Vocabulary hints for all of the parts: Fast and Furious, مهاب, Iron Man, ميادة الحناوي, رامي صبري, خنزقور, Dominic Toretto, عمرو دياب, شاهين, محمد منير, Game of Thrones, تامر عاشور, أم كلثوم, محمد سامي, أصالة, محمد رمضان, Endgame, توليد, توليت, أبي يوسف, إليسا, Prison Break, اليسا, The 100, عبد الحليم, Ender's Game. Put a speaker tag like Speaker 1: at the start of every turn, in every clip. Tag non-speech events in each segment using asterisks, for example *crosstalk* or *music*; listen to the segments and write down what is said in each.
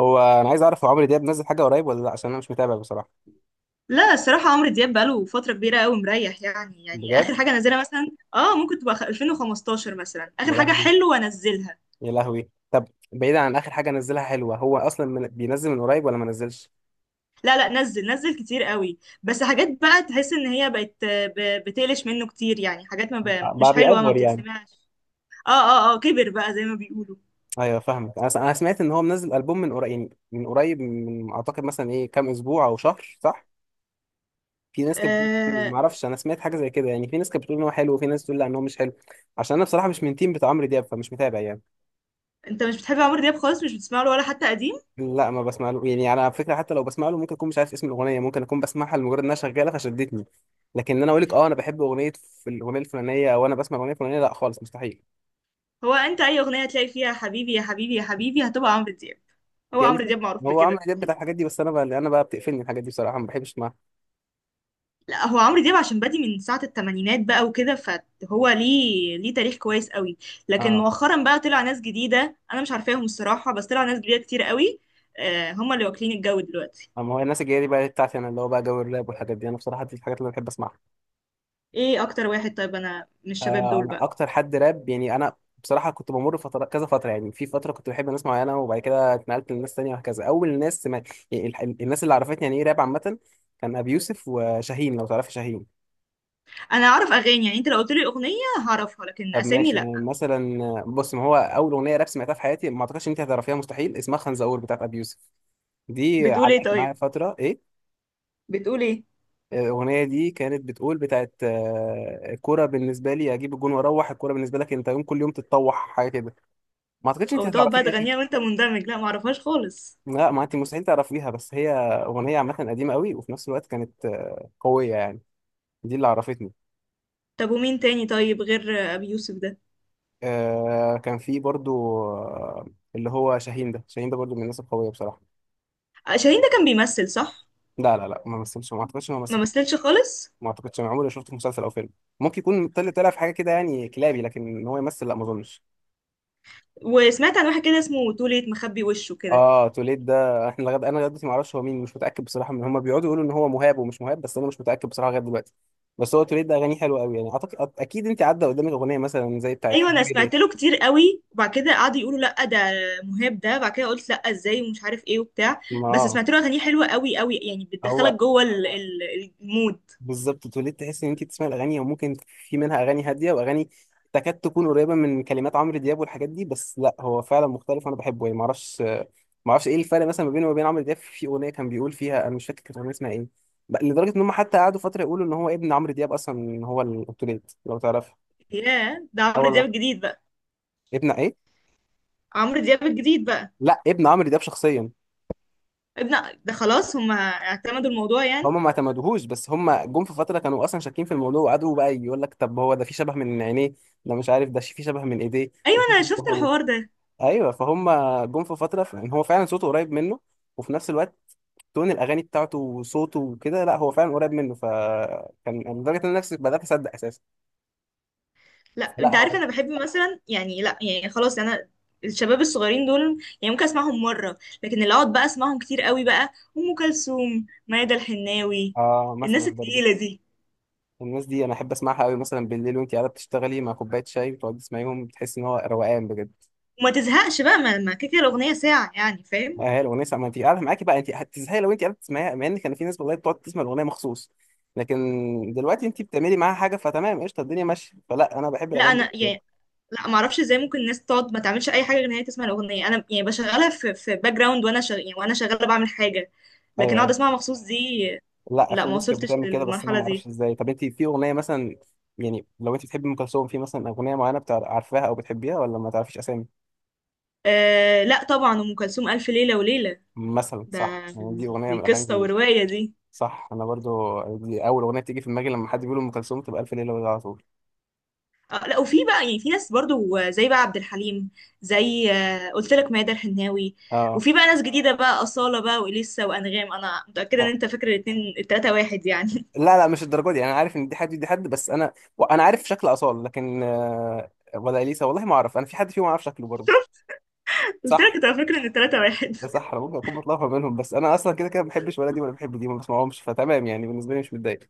Speaker 1: هو انا عايز اعرف هو عمرو دياب نزل حاجه قريب ولا لا عشان انا مش متابع بصراحه.
Speaker 2: لا، الصراحة عمرو دياب بقاله فترة كبيرة قوي مريح. يعني
Speaker 1: بجد؟
Speaker 2: آخر حاجة نزلها مثلا اه ممكن تبقى 2015 مثلا، آخر
Speaker 1: يا
Speaker 2: حاجة
Speaker 1: لهوي.
Speaker 2: حلوة انزلها.
Speaker 1: يا لهوي، طب بعيدا عن اخر حاجه نزلها حلوه، هو اصلا بينزل من قريب ولا ما نزلش؟
Speaker 2: لا نزل كتير قوي، بس حاجات بقى تحس ان هي بقت بتقلش منه كتير. يعني حاجات ما بقى
Speaker 1: بقى
Speaker 2: مش حلوة ما
Speaker 1: بيأفور يعني.
Speaker 2: بتتسمعش. اه كبر بقى زي ما بيقولوا.
Speaker 1: ايوه فاهمك، أنا سمعت ان هو منزل البوم من قريب، يعني من قريب من اعتقد مثلا ايه، كام اسبوع او شهر صح؟ في ناس كانت بتقول حلو،
Speaker 2: آه،
Speaker 1: ما اعرفش، انا سمعت حاجه زي كده، يعني في ناس كانت بتقول ان هو حلو وفي ناس بتقول لا ان هو مش حلو. عشان انا بصراحه مش من تيم بتاع عمرو دياب، فمش متابع يعني.
Speaker 2: انت مش بتحب عمرو دياب خالص؟ مش بتسمع له ولا حتى قديم؟
Speaker 1: لا ما بسمع له، يعني انا على فكره حتى لو بسمع له ممكن اكون مش عارف اسم الاغنيه، ممكن اكون بسمعها لمجرد انها شغاله فشدتني، لكن إن انا اقول لك اه انا بحب اغنيه في الاغنيه الفلانيه، او انا بسمع الاغنيه الفلانيه، لا خالص مستحيل.
Speaker 2: هو انت اي اغنية تلاقي فيها حبيبي يا حبيبي يا حبيبي هتبقى عمرو دياب. هو
Speaker 1: يعني
Speaker 2: عمرو
Speaker 1: في-
Speaker 2: دياب معروف
Speaker 1: هو عمرو
Speaker 2: بكده.
Speaker 1: دياب بتاع الحاجات دي، بس انا بقى بتقفلني الحاجات دي بصراحه، ما بحبش اسمعها.
Speaker 2: لا، هو عمرو دياب عشان بادي من ساعة التمانينات بقى وكده، فهو ليه تاريخ كويس قوي. لكن
Speaker 1: اه،
Speaker 2: مؤخرا بقى طلع ناس جديدة أنا مش عارفاهم الصراحة، بس طلع ناس جديدة كتير قوي. هما اللي واكلين الجو دلوقتي.
Speaker 1: اما هو الناس الجايه دي بقى بتاعتي انا، اللي هو بقى جو الراب والحاجات دي، انا بصراحه دي الحاجات اللي انا بحب اسمعها.
Speaker 2: ايه أكتر واحد طيب أنا من الشباب دول
Speaker 1: انا
Speaker 2: بقى؟
Speaker 1: اكتر حد راب، يعني انا بصراحه كنت بمر فتره كذا فتره، يعني في فتره كنت بحب ناس معينه وبعد كده اتنقلت لناس تانية وهكذا، اول ناس ما... يعني الناس اللي عرفتني يعني ايه راب عامه، كان ابي يوسف وشاهين، لو تعرف شاهين.
Speaker 2: أنا أعرف أغاني، يعني أنت لو قلت لي أغنية هعرفها، لكن
Speaker 1: طب
Speaker 2: أسامي
Speaker 1: ماشي، يعني
Speaker 2: لأ.
Speaker 1: مثلا بص، ما هو اول اغنيه راب سمعتها في حياتي ما اعتقدش ان انت هتعرفيها مستحيل، اسمها خنزقور بتاعت ابي يوسف. دي
Speaker 2: بتقول ايه
Speaker 1: علقت معايا
Speaker 2: طيب؟
Speaker 1: فتره ايه.
Speaker 2: بتقول ايه؟
Speaker 1: الاغنيه دي كانت بتقول بتاعت آه، الكوره بالنسبه لي اجيب الجون واروح، الكوره بالنسبه لك انت يوم كل يوم تتطوح، حاجه كده. ما اعتقدش انت
Speaker 2: أو تقعد بقى
Speaker 1: هتعرفيها يعني.
Speaker 2: تغنيها وأنت مندمج؟ لأ، معرفهاش خالص.
Speaker 1: لا ما انت مستحيل تعرفيها، بس هي اغنيه عامه قديمه قوي، وفي نفس الوقت كانت قويه يعني. دي اللي عرفتني.
Speaker 2: طب ومين تاني طيب غير أبي يوسف ده؟
Speaker 1: كان في برضو اللي هو شاهين ده، شاهين ده برضو من الناس القويه بصراحه.
Speaker 2: آه، شاهين ده كان بيمثل صح؟
Speaker 1: لا ما مثلش، ما اعتقدش انه
Speaker 2: ما
Speaker 1: مثل.
Speaker 2: مثلش خالص.
Speaker 1: ما اعتقدش، انا عمري ما شفته في مسلسل او فيلم. ممكن يكون طلع في حاجه كده يعني كلابي، لكن ان هو يمثل لا ما اظنش.
Speaker 2: وسمعت عن واحد كده اسمه توليت مخبي وشه كده.
Speaker 1: اه توليد ده، انا لغايه دلوقتي ما اعرفش هو مين، مش متاكد بصراحه، من هم بيقعدوا يقولوا ان هو مهاب ومش مهاب، بس انا مش متاكد بصراحه لغايه دلوقتي. بس هو توليد ده اغانيه حلوه قوي يعني، اعتقد اكيد انت عدى قدامك اغنيه مثلا زي بتاعت
Speaker 2: ايوه، انا
Speaker 1: حبيبي
Speaker 2: سمعت له
Speaker 1: ليه.
Speaker 2: كتير قوي، وبعد كده قعدوا يقولوا لا ده مهاب. ده بعد كده قلت لا ازاي ومش عارف ايه وبتاع.
Speaker 1: ما
Speaker 2: بس
Speaker 1: آه.
Speaker 2: سمعت له اغانيه حلوه قوي قوي، يعني بتدخلك
Speaker 1: هو
Speaker 2: جوه المود.
Speaker 1: بالظبط، اتولدت تحس ان انت بتسمعي الاغاني، وممكن في منها اغاني هاديه واغاني تكاد تكون قريبه من كلمات عمرو دياب والحاجات دي، بس لا هو فعلا مختلف وانا بحبه يعني، ما اعرفش ايه الفرق مثلا ما بينه وما بين عمرو دياب في اغنيه كان بيقول فيها، انا مش فاكر كانت الاغنيه اسمها ايه. لدرجه ان هم حتى قعدوا فتره يقولوا ان هو ابن عمرو دياب اصلا، إن هو الاوتوليت لو تعرف.
Speaker 2: ياه، ده
Speaker 1: اه
Speaker 2: عمرو دياب
Speaker 1: والله.
Speaker 2: الجديد بقى.
Speaker 1: ابن ايه؟
Speaker 2: عمرو دياب الجديد بقى.
Speaker 1: لا ابن عمرو دياب شخصيا.
Speaker 2: ابن ده، خلاص هم اعتمدوا الموضوع يعني.
Speaker 1: هم ما اعتمدوهوش، بس هم جم في فتره كانوا اصلا شاكين في الموضوع، وقعدوا بقى يقول لك طب هو ده في شبه من عينيه، ده مش عارف ده في شبه من ايديه.
Speaker 2: ايوه انا شفت الحوار ده.
Speaker 1: *laughs* ايوه فهم، جم في فتره ان هو فعلا صوته قريب منه، وفي نفس الوقت تون الاغاني بتاعته وصوته وكده، لا هو فعلا قريب منه، فكان لدرجه ان انا نفسي بدات اصدق اساسا.
Speaker 2: لا
Speaker 1: لا
Speaker 2: انت عارف
Speaker 1: هو.
Speaker 2: انا بحب مثلا، يعني لا يعني خلاص، انا الشباب الصغيرين دول يعني ممكن اسمعهم مره، لكن اللي اقعد بقى اسمعهم كتير قوي بقى ام كلثوم، ميادة الحناوي،
Speaker 1: اه مثلا
Speaker 2: الناس
Speaker 1: برضه.
Speaker 2: التقيله دي.
Speaker 1: الناس دي انا احب اسمعها قوي مثلا بالليل، وانت قاعده بتشتغلي مع كوبايه شاي وتقعدي تسمعيهم، بتحس ان هو روقان بجد.
Speaker 2: وما تزهقش بقى، ما كده كده الاغنيه ساعه يعني، فاهم؟
Speaker 1: هي الاغنيه ساعة، ما انت قاعده معاكي بقى انت هتزهقي لو انت قاعده تسمعيها، مع ان كان في ناس والله بتقعد تسمع الاغنيه مخصوص، لكن دلوقتي انت بتعملي معاها حاجه فتمام، قشطه الدنيا ماشيه، فلا انا بحب
Speaker 2: لا
Speaker 1: الاغاني دي
Speaker 2: انا
Speaker 1: بجد.
Speaker 2: يعني، لا ما اعرفش ازاي ممكن الناس تقعد ما تعملش اي حاجه غير ان هي تسمع الاغنيه. انا يعني بشغلها في باك جراوند، يعني وانا شغاله بعمل حاجه، لكن
Speaker 1: ايوه،
Speaker 2: اقعد
Speaker 1: ايوه.
Speaker 2: اسمعها مخصوص دي
Speaker 1: لا
Speaker 2: لا،
Speaker 1: في
Speaker 2: ما
Speaker 1: ناس كانت
Speaker 2: وصلتش
Speaker 1: بتعمل كده، بس انا
Speaker 2: للمرحله
Speaker 1: ما اعرفش
Speaker 2: دي.
Speaker 1: ازاي. طب انت في اغنيه مثلا، يعني لو انت بتحبي ام كلثوم في مثلا اغنيه معينه عارفاها او بتحبيها، ولا ما تعرفيش اسامي؟
Speaker 2: أه لا طبعا، ام كلثوم الف ليله وليله.
Speaker 1: مثلا
Speaker 2: ده
Speaker 1: صح، يعني دي اغنيه
Speaker 2: دي
Speaker 1: من الاغاني
Speaker 2: قصة
Speaker 1: دي.
Speaker 2: ورواية دي.
Speaker 1: صح، انا برضو دي اول اغنيه بتيجي في دماغي لما حد بيقول ام كلثوم تبقى الف ليله وليله على طول.
Speaker 2: آه لا، وفي بقى يعني في ناس برضو زي بقى عبد الحليم، زي قلت لك ميادة الحناوي.
Speaker 1: اه.
Speaker 2: وفي بقى ناس جديدة بقى أصالة بقى وإليسا وأنغام. أنا متأكدة إن أنت فاكر الاتنين التلاتة واحد يعني. *laughs*
Speaker 1: لا لا، مش الدرجه دي، انا عارف ان دي حد دي حد، بس انا انا عارف شكل اصال، لكن ولا اليسا والله ما اعرف، انا في حد فيهم اعرف شكله برضو
Speaker 2: قلت
Speaker 1: صح.
Speaker 2: لك أنت فاكر إن التلاتة واحد.
Speaker 1: ده صح، انا ممكن اكون بتلخبط منهم، بس انا اصلا كده كده ما بحبش ولا دي ولا بحب دي، ما بسمعهمش فتمام يعني، بالنسبه لي مش متضايق.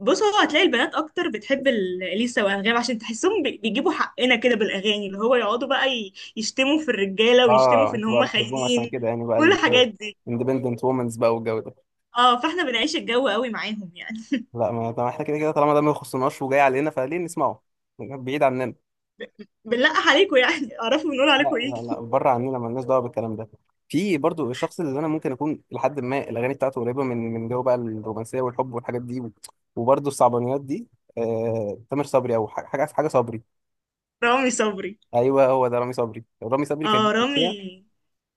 Speaker 2: بص، هو هتلاقي البنات أكتر بتحب إليسا وأنغام عشان تحسهم بيجيبوا حقنا كده بالأغاني، اللي هو يقعدوا بقى يشتموا في الرجالة ويشتموا
Speaker 1: اه
Speaker 2: في إن
Speaker 1: انتوا
Speaker 2: هم
Speaker 1: بقى بتحبوهم عشان
Speaker 2: خاينين،
Speaker 1: كده يعني بقى،
Speaker 2: كل الحاجات دي.
Speaker 1: الاندبندنت وومنز بقى والجو ده.
Speaker 2: اه فاحنا بنعيش الجو قوي معاهم يعني.
Speaker 1: لا، ما طب احنا كده كده طالما ده ما يخصناش وجاي علينا، فليه نسمعه؟ بعيد عننا.
Speaker 2: بنلقح عليكم يعني. *laughs* اعرفوا بنقول عليكم
Speaker 1: لا
Speaker 2: ايه.
Speaker 1: لا لا بره عننا، مالناش دعوه بالكلام ده. في برضو الشخص اللي انا ممكن اكون لحد ما الاغاني بتاعته قريبه من من جو بقى الرومانسيه والحب والحاجات دي وبرضو الصعبانيات دي. آه تامر صبري، او حاجه حاجة صبري.
Speaker 2: *laughs* رامي صبري.
Speaker 1: ايوه هو ده رامي صبري. رامي صبري كان
Speaker 2: اه رامي.
Speaker 1: ليه أغنية-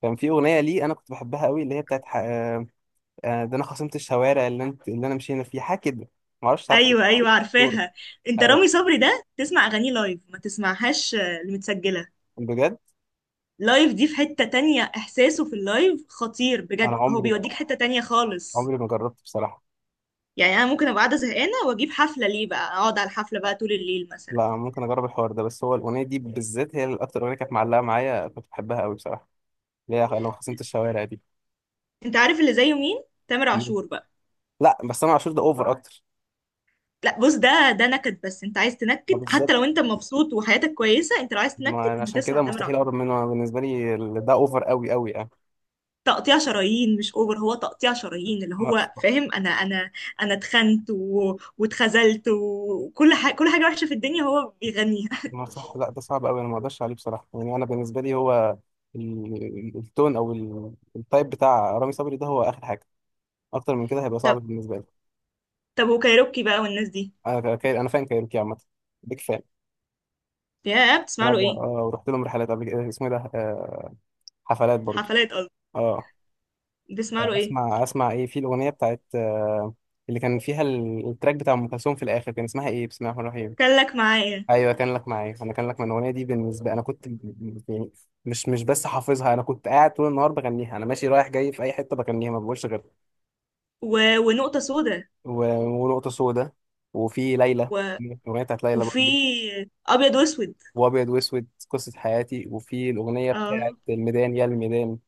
Speaker 1: كان في اغنيه ليه انا كنت بحبها قوي، اللي هي بتاعت ده انا خصمت الشوارع اللي انت، اللي انا مشينا فيها، حاجه كده ما اعرفش، عارفه؟
Speaker 2: ايوه ايوه
Speaker 1: دورة.
Speaker 2: عارفاها. انت
Speaker 1: ايوه.
Speaker 2: رامي صبري ده تسمع اغانيه لايف، ما تسمعهاش المتسجله.
Speaker 1: بجد؟
Speaker 2: لايف دي في حته تانية، احساسه في اللايف خطير
Speaker 1: انا
Speaker 2: بجد، هو
Speaker 1: عمري
Speaker 2: بيوديك حته تانية خالص.
Speaker 1: عمري ما جربت بصراحه.
Speaker 2: يعني انا ممكن ابقى قاعده زهقانه واجيب حفله ليه، بقى اقعد على الحفله بقى طول الليل مثلا.
Speaker 1: لا ممكن اجرب الحوار ده، بس هو الاغنيه دي بالذات هي الاكتر اغنيه كانت معلقه معايا، كنت بحبها قوي بصراحه، اللي هي لما خصمت الشوارع دي.
Speaker 2: انت عارف اللي زيه مين؟ تامر
Speaker 1: مم.
Speaker 2: عاشور بقى.
Speaker 1: لا بس انا عاشور ده اوفر اكتر.
Speaker 2: لا بص، ده نكد، بس انت عايز
Speaker 1: ما
Speaker 2: تنكد حتى
Speaker 1: بالظبط،
Speaker 2: لو انت مبسوط وحياتك كويسه، انت لو عايز تنكد
Speaker 1: ما أنا
Speaker 2: انت
Speaker 1: عشان
Speaker 2: تسمع
Speaker 1: كده
Speaker 2: تامر
Speaker 1: مستحيل اقرب
Speaker 2: عاشور.
Speaker 1: منه، أنا بالنسبه لي ده اوفر قوي قوي يعني.
Speaker 2: تقطيع شرايين، مش اوفر، هو تقطيع شرايين اللي هو
Speaker 1: لا.
Speaker 2: فاهم. انا اتخنت واتخذلت وكل حاجه، كل حاجه وحشه في الدنيا هو بيغنيها.
Speaker 1: ما صح، لا ده صعب قوي، انا ما اقدرش عليه بصراحه، يعني انا بالنسبه لي هو التون او التايب بتاع رامي صبري ده هو اخر حاجه، اكتر من كده هيبقى
Speaker 2: *laughs*
Speaker 1: صعب
Speaker 2: طب،
Speaker 1: بالنسبه لي.
Speaker 2: طب وكايروكي بقى والناس دي؟
Speaker 1: انا كاير، انا فان كايروكي عامه، بيك فان.
Speaker 2: يا بتسمع
Speaker 1: انا
Speaker 2: له
Speaker 1: ب-
Speaker 2: ايه؟
Speaker 1: آه، رحت لهم رحلات قبل كده، اسمه إيه ده، حفلات برضو.
Speaker 2: حفلات قصدي،
Speaker 1: اه.
Speaker 2: بتسمع له ايه؟
Speaker 1: اسمع ايه، في الاغنيه بتاعت اللي كان فيها التراك بتاع ام كلثوم في الاخر، كان اسمها ايه، بسم الله الرحمن الرحيم.
Speaker 2: كلك معايا،
Speaker 1: ايوه كان لك معايا، انا كان لك من الاغنيه دي بالنسبه، انا كنت يعني مش بس حافظها، انا كنت قاعد طول النهار بغنيها، انا ماشي رايح جاي في اي حته بغنيها، ما بقولش غيرها.
Speaker 2: و... ونقطه سودا،
Speaker 1: و- ونقطه سودا. وفي ليلى،
Speaker 2: و...
Speaker 1: الاغنيه بتاعت ليلى
Speaker 2: وفي
Speaker 1: برضه.
Speaker 2: ابيض واسود.
Speaker 1: وابيض واسود قصه حياتي. وفي الاغنيه بتاعت
Speaker 2: اه،
Speaker 1: الميدان يا الميدان.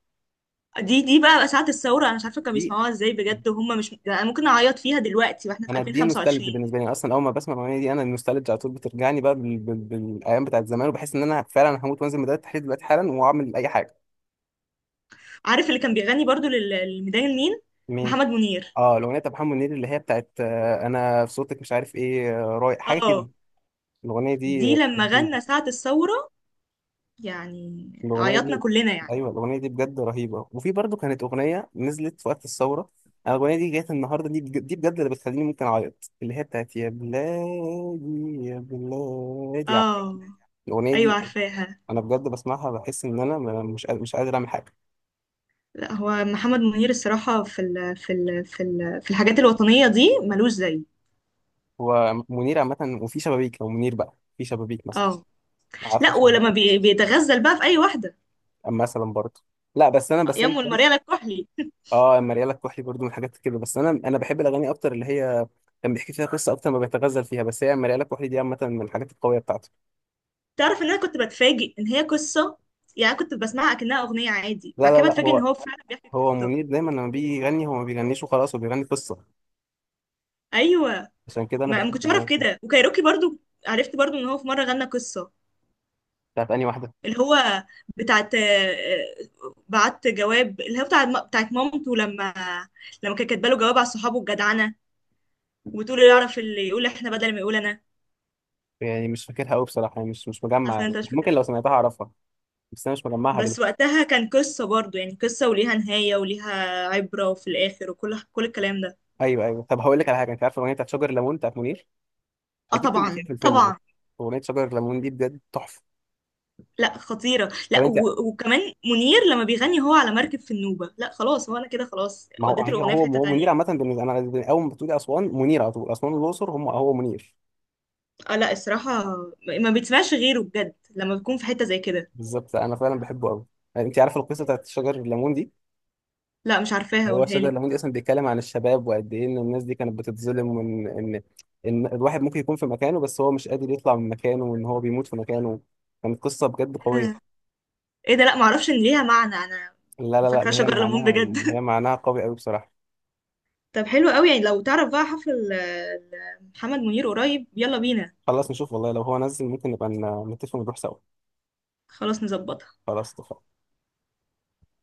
Speaker 2: دي بقى ساعة الثورة، أنا مش عارفة كانوا
Speaker 1: دي
Speaker 2: بيسمعوها ازاي بجد وهم مش يعني، أنا ممكن أعيط فيها دلوقتي واحنا في
Speaker 1: انا دي نوستالجي
Speaker 2: 2025.
Speaker 1: بالنسبه لي، اصلا اول ما بسمع الاغنيه دي انا النوستالجي على طول بترجعني بقى بالايام بتاعت زمان، وبحس ان انا فعلا هموت وانزل ميدان التحرير دلوقتي حالا واعمل اي حاجه.
Speaker 2: عارف اللي كان بيغني برضو للميدان النيل؟ محمد منير.
Speaker 1: اه الاغنيه بتاع محمد منير، اللي هي بتاعت انا في صوتك مش عارف ايه رايح، حاجه كده.
Speaker 2: اه
Speaker 1: الاغنيه دي
Speaker 2: دي لما
Speaker 1: رهيبه.
Speaker 2: غنى ساعة الثورة، يعني
Speaker 1: الاغنيه
Speaker 2: عيطنا
Speaker 1: دي،
Speaker 2: كلنا يعني.
Speaker 1: ايوه الاغنيه دي بجد رهيبه. وفي برضو كانت اغنيه نزلت في وقت الثوره، انا الاغنيه دي جت النهارده، دي بجد اللي بتخليني ممكن اعيط، اللي هي بتاعت يا بلادي يا بلادي، عارفة؟
Speaker 2: اه
Speaker 1: الاغنيه
Speaker 2: ايوه
Speaker 1: دي
Speaker 2: عارفاها.
Speaker 1: انا بجد بسمعها بحس ان انا مش قادر اعمل حاجه.
Speaker 2: لا هو محمد منير الصراحة في ال في ال في ال في الحاجات الوطنية دي ملوش زي.
Speaker 1: هو منير عامه، وفي شبابيك، لو منير بقى في شبابيك مثلا،
Speaker 2: اه
Speaker 1: عارفه
Speaker 2: لا،
Speaker 1: شبابيك؟
Speaker 2: ولما بيتغزل بقى في اي واحدة،
Speaker 1: مثلا برضه. لا بس انا بس
Speaker 2: يا
Speaker 1: انا
Speaker 2: ام المريالة الكحلي.
Speaker 1: اه مريالة الكحلي برضو من الحاجات كده، بس انا انا بحب الاغاني اكتر اللي هي كان بيحكي فيها قصه اكتر ما بيتغزل فيها، بس هي مريالة الكحلي دي عامه من الحاجات القويه بتاعته.
Speaker 2: تعرف ان انا كنت بتفاجئ ان هي قصة؟ يعني كنت بسمعها كأنها اغنية عادي،
Speaker 1: لا
Speaker 2: بعد
Speaker 1: لا
Speaker 2: كده
Speaker 1: لا
Speaker 2: بتفاجئ ان
Speaker 1: هو
Speaker 2: هو فعلا بيحكي
Speaker 1: هو
Speaker 2: قصة.
Speaker 1: منير دايما لما بيجي يغني هو ما بيغنيش وخلاص، هو بيغني قصه،
Speaker 2: ايوه.
Speaker 1: عشان كده انا
Speaker 2: ما
Speaker 1: بحب
Speaker 2: كنتش اعرف
Speaker 1: الاغاني
Speaker 2: كده.
Speaker 1: بتاعته.
Speaker 2: وكايروكي برضو، عرفت برضو ان هو في مرة غنى قصة،
Speaker 1: بتاعت انهي واحده
Speaker 2: اللي هو بتاعت آه، آه، بعت جواب، اللي هو بتاعت مامته لما كانت كاتبه له جواب على صحابه الجدعنه، وتقول اللي يعرف اللي يقول احنا بدل ما يقول انا.
Speaker 1: يعني؟ مش فاكرها قوي بصراحه، يعني مش مجمع.
Speaker 2: اصلا انت مش
Speaker 1: ممكن
Speaker 2: فاكرها.
Speaker 1: لو سمعتها اعرفها، بس انا مش مجمعها
Speaker 2: بس
Speaker 1: دلوقتي.
Speaker 2: وقتها كان قصه برضو يعني، قصه وليها نهايه وليها عبره في الاخر وكل الكلام ده.
Speaker 1: ايوه، ايوه. طب هقول لك على حاجه، انت عارف الاغنيه بتاعت شجر الليمون بتاعت منير؟
Speaker 2: اه
Speaker 1: اكيد سمعتيها
Speaker 2: طبعا
Speaker 1: في الفيلم ده.
Speaker 2: طبعا.
Speaker 1: اغنيه شجر الليمون دي بجد تحفه.
Speaker 2: لا خطيره،
Speaker 1: طب
Speaker 2: لا
Speaker 1: انت،
Speaker 2: وكمان منير لما بيغني هو على مركب في النوبه، لا خلاص هو انا كده خلاص،
Speaker 1: ما هو
Speaker 2: وديت
Speaker 1: هي-
Speaker 2: الاغنيه في
Speaker 1: هو
Speaker 2: حته
Speaker 1: هو منير
Speaker 2: تانية.
Speaker 1: عامة بالنسبة، أنا أول ما بتقولي أسوان منير على طول، أسوان والأقصر هم هو منير.
Speaker 2: اه لا الصراحه، ما بتسمعش غيره بجد لما بتكون في حته زي كده.
Speaker 1: بالظبط، أنا فعلا بحبه أوي. يعني أنت عارف القصة بتاعت شجر الليمون دي؟
Speaker 2: لا مش عارفاها،
Speaker 1: هو
Speaker 2: قولها
Speaker 1: شجر
Speaker 2: لي.
Speaker 1: الليمون دي أصلا بيتكلم عن الشباب، وقد إيه إن الناس دي كانت بتتظلم، وإن إن إن الواحد ممكن يكون في مكانه، بس هو مش قادر يطلع من مكانه، وإن هو بيموت في مكانه. كانت قصة بجد قوية.
Speaker 2: ايه ده، لا معرفش ان ليها معنى انا،
Speaker 1: لا
Speaker 2: فاكره
Speaker 1: ده هي
Speaker 2: شجر ليمون
Speaker 1: معناها، هي
Speaker 2: بجد. *laughs*
Speaker 1: معناها قوي أوي بصراحة.
Speaker 2: طب حلو قوي، يعني لو تعرف بقى حفل محمد منير قريب يلا بينا.
Speaker 1: خلاص نشوف والله، لو هو نزل ممكن نبقى نتفق ونروح سوا.
Speaker 2: خلاص نظبطها.
Speaker 1: خلاص اتفقنا.